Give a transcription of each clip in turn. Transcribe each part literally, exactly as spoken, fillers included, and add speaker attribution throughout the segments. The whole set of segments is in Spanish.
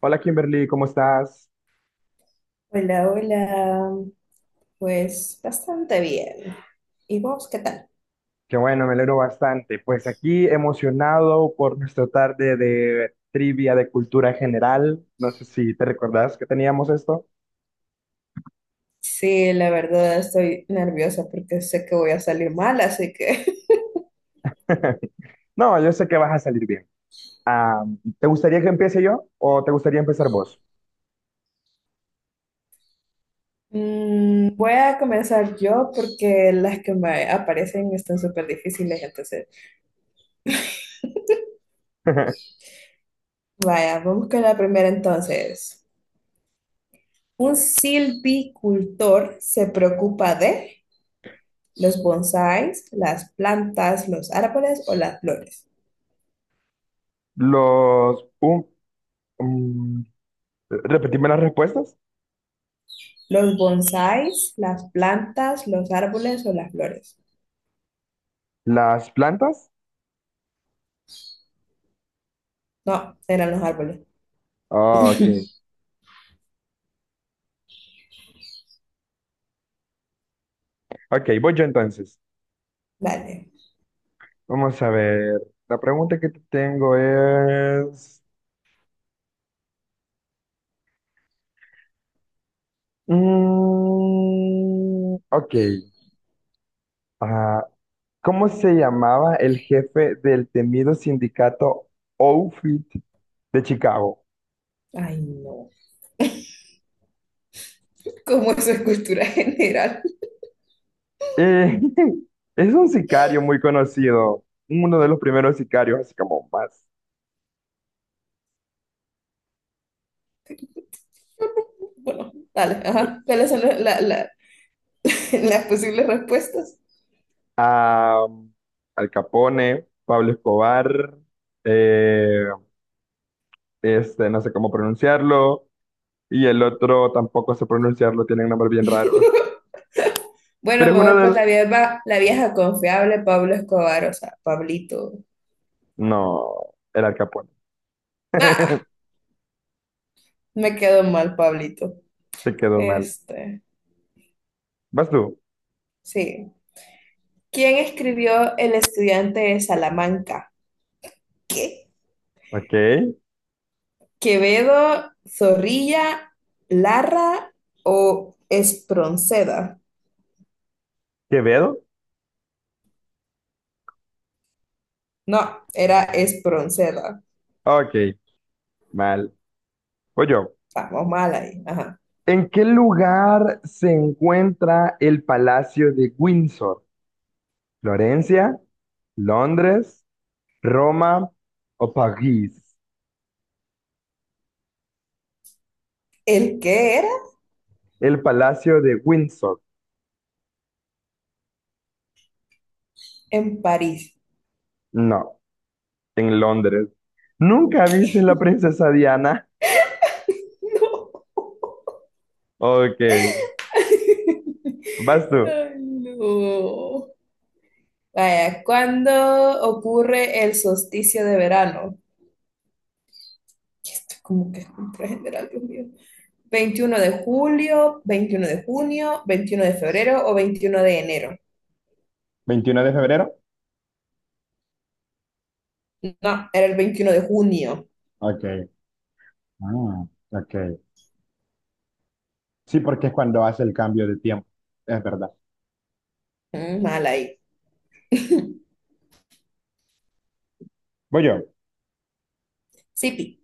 Speaker 1: Hola Kimberly, ¿cómo estás?
Speaker 2: Hola, hola. Pues bastante bien. ¿Y vos qué tal?
Speaker 1: Qué bueno, me alegro bastante. Pues aquí emocionado por nuestra tarde de trivia de cultura general. No sé si te recordás que teníamos esto.
Speaker 2: Sí, la verdad estoy nerviosa porque sé que voy a salir mal, así que
Speaker 1: No, yo sé que vas a salir bien. Ah, ¿te gustaría que empiece yo o te gustaría empezar vos?
Speaker 2: Mm, voy a comenzar yo porque las que me aparecen están súper difíciles. Entonces, vaya, vamos con la primera entonces. Un silvicultor se preocupa de los bonsáis, las plantas, los árboles o las flores.
Speaker 1: Los... um, um, Repetime las respuestas.
Speaker 2: Los bonsáis, las plantas, los árboles o las flores.
Speaker 1: ¿Las plantas?
Speaker 2: No, eran los árboles.
Speaker 1: Ah, ok. Ok, voy yo entonces.
Speaker 2: Vale.
Speaker 1: Vamos a ver. La pregunta que te tengo es... Mm, ok. Ah, ¿cómo se llamaba el jefe del temido sindicato Outfit de Chicago?
Speaker 2: Ay, no. ¿Cómo eso es cultura general?
Speaker 1: Eh, es un sicario muy conocido, uno de los primeros sicarios, así como más.
Speaker 2: Bueno, dale, ajá. ¿Cuáles son la- la- la- las posibles respuestas?
Speaker 1: Ah, Al Capone, Pablo Escobar, eh, este, no sé cómo pronunciarlo, y el otro tampoco sé pronunciarlo, tiene un nombre bien raro.
Speaker 2: Bueno,
Speaker 1: Pero es
Speaker 2: me voy
Speaker 1: uno de
Speaker 2: por
Speaker 1: los...
Speaker 2: la vieja, la vieja confiable, Pablo Escobar, o sea, Pablito.
Speaker 1: No, era Al Capone.
Speaker 2: Ah, me quedo mal, Pablito.
Speaker 1: Te quedó mal.
Speaker 2: Este,
Speaker 1: Vas tú.
Speaker 2: sí. ¿Quién escribió El estudiante de Salamanca? ¿Qué?
Speaker 1: Ok.
Speaker 2: ¿Quevedo, Zorrilla, Larra o Espronceda?
Speaker 1: Quevedo.
Speaker 2: No, era Espronceda.
Speaker 1: Ok. Mal. Voy yo.
Speaker 2: Estamos mal ahí. Ajá.
Speaker 1: ¿En qué lugar se encuentra el Palacio de Windsor? ¿Florencia? ¿Londres? ¿Roma? ¿O París?
Speaker 2: ¿El qué era?
Speaker 1: El Palacio de Windsor.
Speaker 2: En París.
Speaker 1: No, en Londres. ¿Nunca viste la princesa Diana?
Speaker 2: No.
Speaker 1: Ok. Vas tú.
Speaker 2: Ay, no. Vaya, ¿cuándo ocurre el solsticio de verano? Esto es como que es cultura general, Dios mío. ¿Veintiuno de julio, veintiuno de junio, veintiuno de febrero o veintiuno de enero?
Speaker 1: ¿Veintiuno de febrero.
Speaker 2: No, era el veintiuno de junio.
Speaker 1: Ok. Ah, ok. Sí, porque es cuando hace el cambio de tiempo. Es verdad.
Speaker 2: Mm, mal ahí.
Speaker 1: Voy yo.
Speaker 2: Sipi.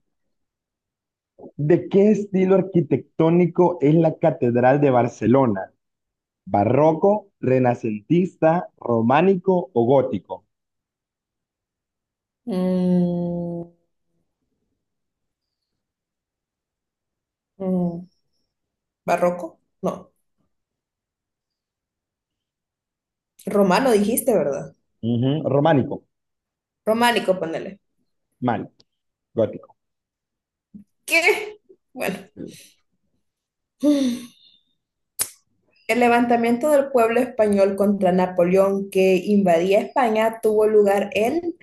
Speaker 1: ¿De qué estilo arquitectónico es la Catedral de Barcelona? ¿Barroco, renacentista, románico o gótico?
Speaker 2: Mm, mm, ¿Barroco? No. Romano dijiste, ¿verdad?
Speaker 1: Ujú, románico,
Speaker 2: Románico, ponele.
Speaker 1: mal, gótico.
Speaker 2: ¿Qué? Bueno. El levantamiento del pueblo español contra Napoleón que invadía España tuvo lugar el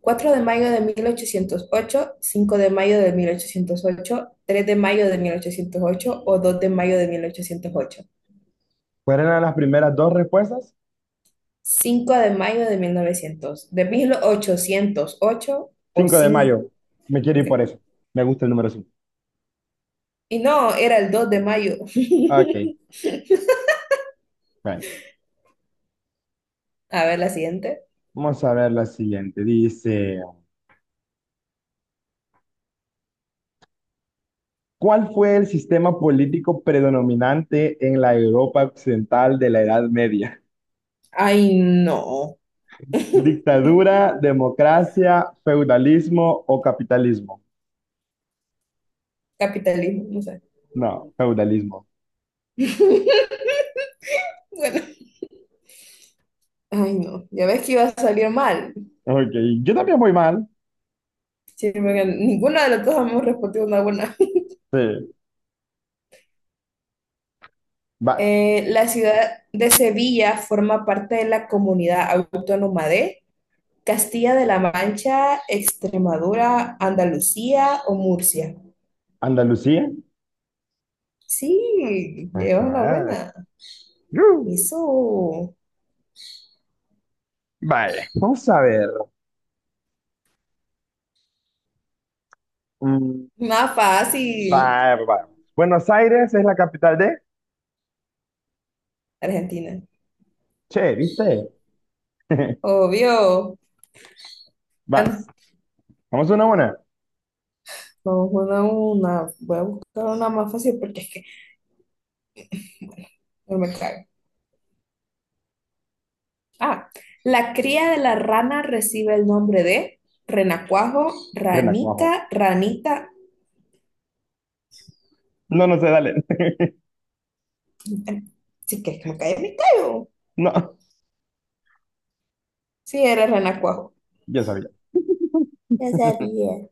Speaker 2: cuatro de mayo de mil ochocientos ocho, cinco de mayo de mil ochocientos ocho, tres de mayo de mil ochocientos ocho o dos de mayo de mil ochocientos ocho,
Speaker 1: ¿Cuáles eran las primeras dos respuestas?
Speaker 2: cinco de mayo de mil novecientos, de mil ochocientos ocho o
Speaker 1: Cinco de
Speaker 2: cinco.
Speaker 1: mayo. Me quiero ir
Speaker 2: Okay.
Speaker 1: por eso. Me gusta el número cinco.
Speaker 2: Y no, era el dos de mayo.
Speaker 1: Ok, bueno.
Speaker 2: A ver la siguiente.
Speaker 1: Vamos a ver la siguiente. Dice, ¿cuál fue el sistema político predominante en la Europa occidental de la Edad Media?
Speaker 2: Ay, no.
Speaker 1: Dictadura, democracia, feudalismo o capitalismo.
Speaker 2: Capitalismo, no sé.
Speaker 1: No, feudalismo.
Speaker 2: Bueno, ay no, ya ves que iba a salir mal.
Speaker 1: Ok, yo también voy mal.
Speaker 2: Sí, porque ninguna de las dos hemos respondido una buena.
Speaker 1: Sí, vas.
Speaker 2: Eh, la ciudad de Sevilla forma parte de la comunidad autónoma de Castilla de la Mancha, Extremadura, Andalucía o Murcia.
Speaker 1: Andalucía.
Speaker 2: Sí, llevas una
Speaker 1: Ajá.
Speaker 2: buena.
Speaker 1: Uh,
Speaker 2: Eso,
Speaker 1: Vale, vamos a ver. Mm,
Speaker 2: más fácil.
Speaker 1: va- va- Buenos Aires es la capital de...
Speaker 2: Argentina,
Speaker 1: Che, ¿viste?
Speaker 2: obvio. Bueno,
Speaker 1: Vas. Vamos una a una.
Speaker 2: vamos a una, una. Voy a buscar una más fácil porque es no me cae. Ah, la cría de la rana recibe el nombre de renacuajo,
Speaker 1: Renacuajo.
Speaker 2: ranica, ranita.
Speaker 1: No, no sé, dale.
Speaker 2: Sí, que es que me cae, me caigo.
Speaker 1: No,
Speaker 2: Sí, era renacuajo.
Speaker 1: yo sabía.
Speaker 2: Ya sabía.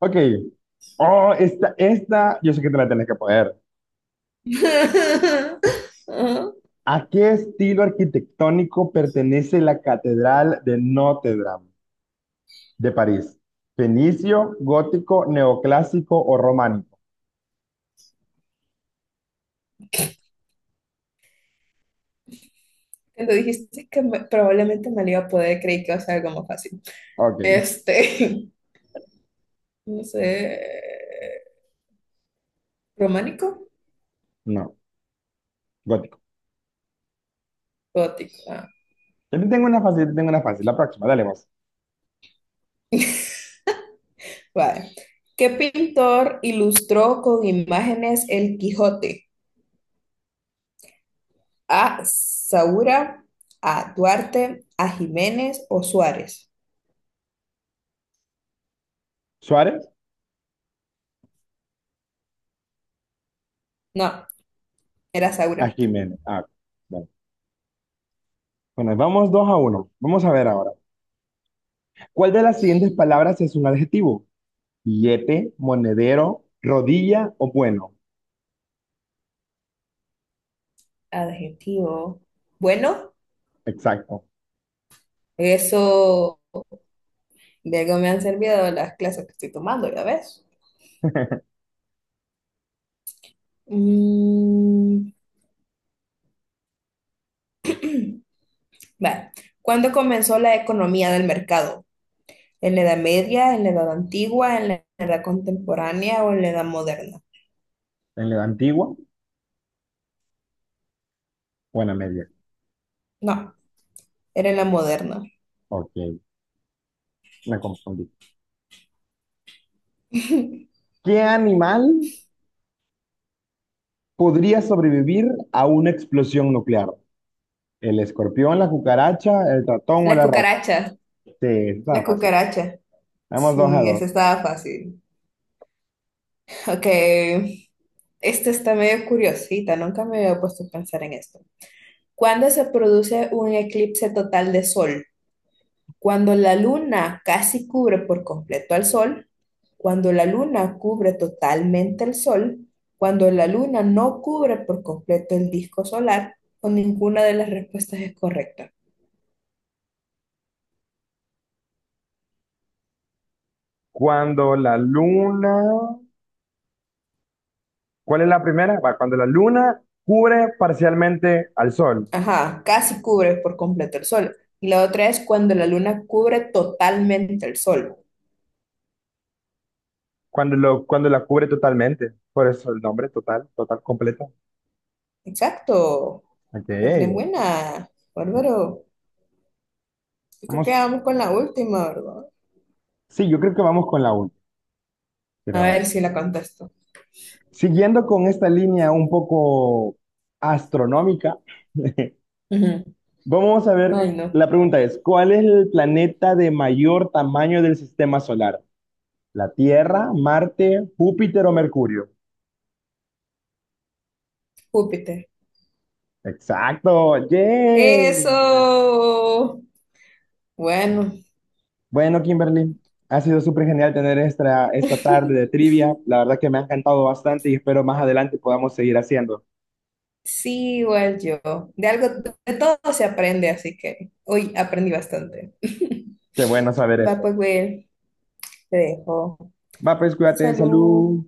Speaker 1: Ok. Oh, esta, esta, yo sé que te la tenés que poder.
Speaker 2: Ajá.
Speaker 1: ¿A qué estilo arquitectónico pertenece la Catedral de Notre Dame de París? ¿Fenicio, gótico, neoclásico o románico?
Speaker 2: Cuando dijiste que me- probablemente me lo iba a poder, creí que iba a ser algo más fácil.
Speaker 1: Ok,
Speaker 2: Este, no sé, románico,
Speaker 1: no, gótico.
Speaker 2: gótico. Ah,
Speaker 1: Yo te tengo una fácil, te tengo una fácil. La próxima, dale vos.
Speaker 2: vale. ¿Qué pintor ilustró con imágenes el Quijote? ¿A Saura, a Duarte, a Jiménez o Suárez?
Speaker 1: Suárez
Speaker 2: No, era
Speaker 1: a
Speaker 2: Saura.
Speaker 1: Jiménez. Ah, bueno. Bueno, vamos dos a uno. Vamos a ver ahora. ¿Cuál de las siguientes palabras es un adjetivo? Billete, monedero, rodilla o bueno.
Speaker 2: Adjetivo. Bueno,
Speaker 1: Exacto.
Speaker 2: eso de algo me han servido las clases que estoy tomando, ya ves. Mm, vale. ¿Cuándo comenzó la economía del mercado? ¿En la Edad Media, en la Edad Antigua, en la Edad Contemporánea o en la Edad Moderna?
Speaker 1: En la antigua, buena media.
Speaker 2: No, era en la moderna.
Speaker 1: Ok, me confundí. ¿Qué animal podría sobrevivir a una explosión nuclear? ¿El escorpión, la cucaracha, el ratón o
Speaker 2: Las
Speaker 1: la rata?
Speaker 2: cucarachas,
Speaker 1: Sí, está
Speaker 2: las
Speaker 1: fácil.
Speaker 2: cucarachas.
Speaker 1: Vamos dos a
Speaker 2: Sí,
Speaker 1: dos.
Speaker 2: esa estaba fácil. Ok, esta está medio curiosita, nunca me había puesto a pensar en esto. ¿Cuándo se produce un eclipse total de sol? Cuando la luna casi cubre por completo al sol, cuando la luna cubre totalmente el sol, cuando la luna no cubre por completo el disco solar, o ninguna de las respuestas es correcta.
Speaker 1: Cuando la luna... ¿Cuál es la primera? Va, cuando la luna cubre parcialmente al sol.
Speaker 2: Ajá, casi cubre por completo el sol. Y la otra es cuando la luna cubre totalmente el sol.
Speaker 1: Cuando, lo, cuando la cubre totalmente. Por eso el nombre total, total, completa.
Speaker 2: Exacto.
Speaker 1: Ok.
Speaker 2: La tenés buena. Bárbaro. Yo creo que
Speaker 1: Vamos.
Speaker 2: vamos con la última, ¿verdad?
Speaker 1: Sí, yo creo que vamos con la última.
Speaker 2: A
Speaker 1: Quiero
Speaker 2: ver
Speaker 1: ver.
Speaker 2: si la contesto.
Speaker 1: Siguiendo con esta línea un poco astronómica.
Speaker 2: Ujú.
Speaker 1: Vamos a ver,
Speaker 2: Ay, no.
Speaker 1: la pregunta es, ¿cuál es el planeta de mayor tamaño del sistema solar? ¿La Tierra, Marte, Júpiter o Mercurio?
Speaker 2: Júpiter.
Speaker 1: Exacto, yay.
Speaker 2: Eso. Bueno,
Speaker 1: Bueno, Kimberly, ha sido súper genial tener esta, esta tarde de trivia. La verdad que me ha encantado bastante y espero más adelante podamos seguir haciendo.
Speaker 2: sí, igual yo. De algo, de todo se aprende, así que hoy aprendí bastante.
Speaker 1: Qué bueno saber
Speaker 2: Va,
Speaker 1: eso.
Speaker 2: pues, Will, te dejo.
Speaker 1: Va, pues cuídate,
Speaker 2: Salud.
Speaker 1: salud.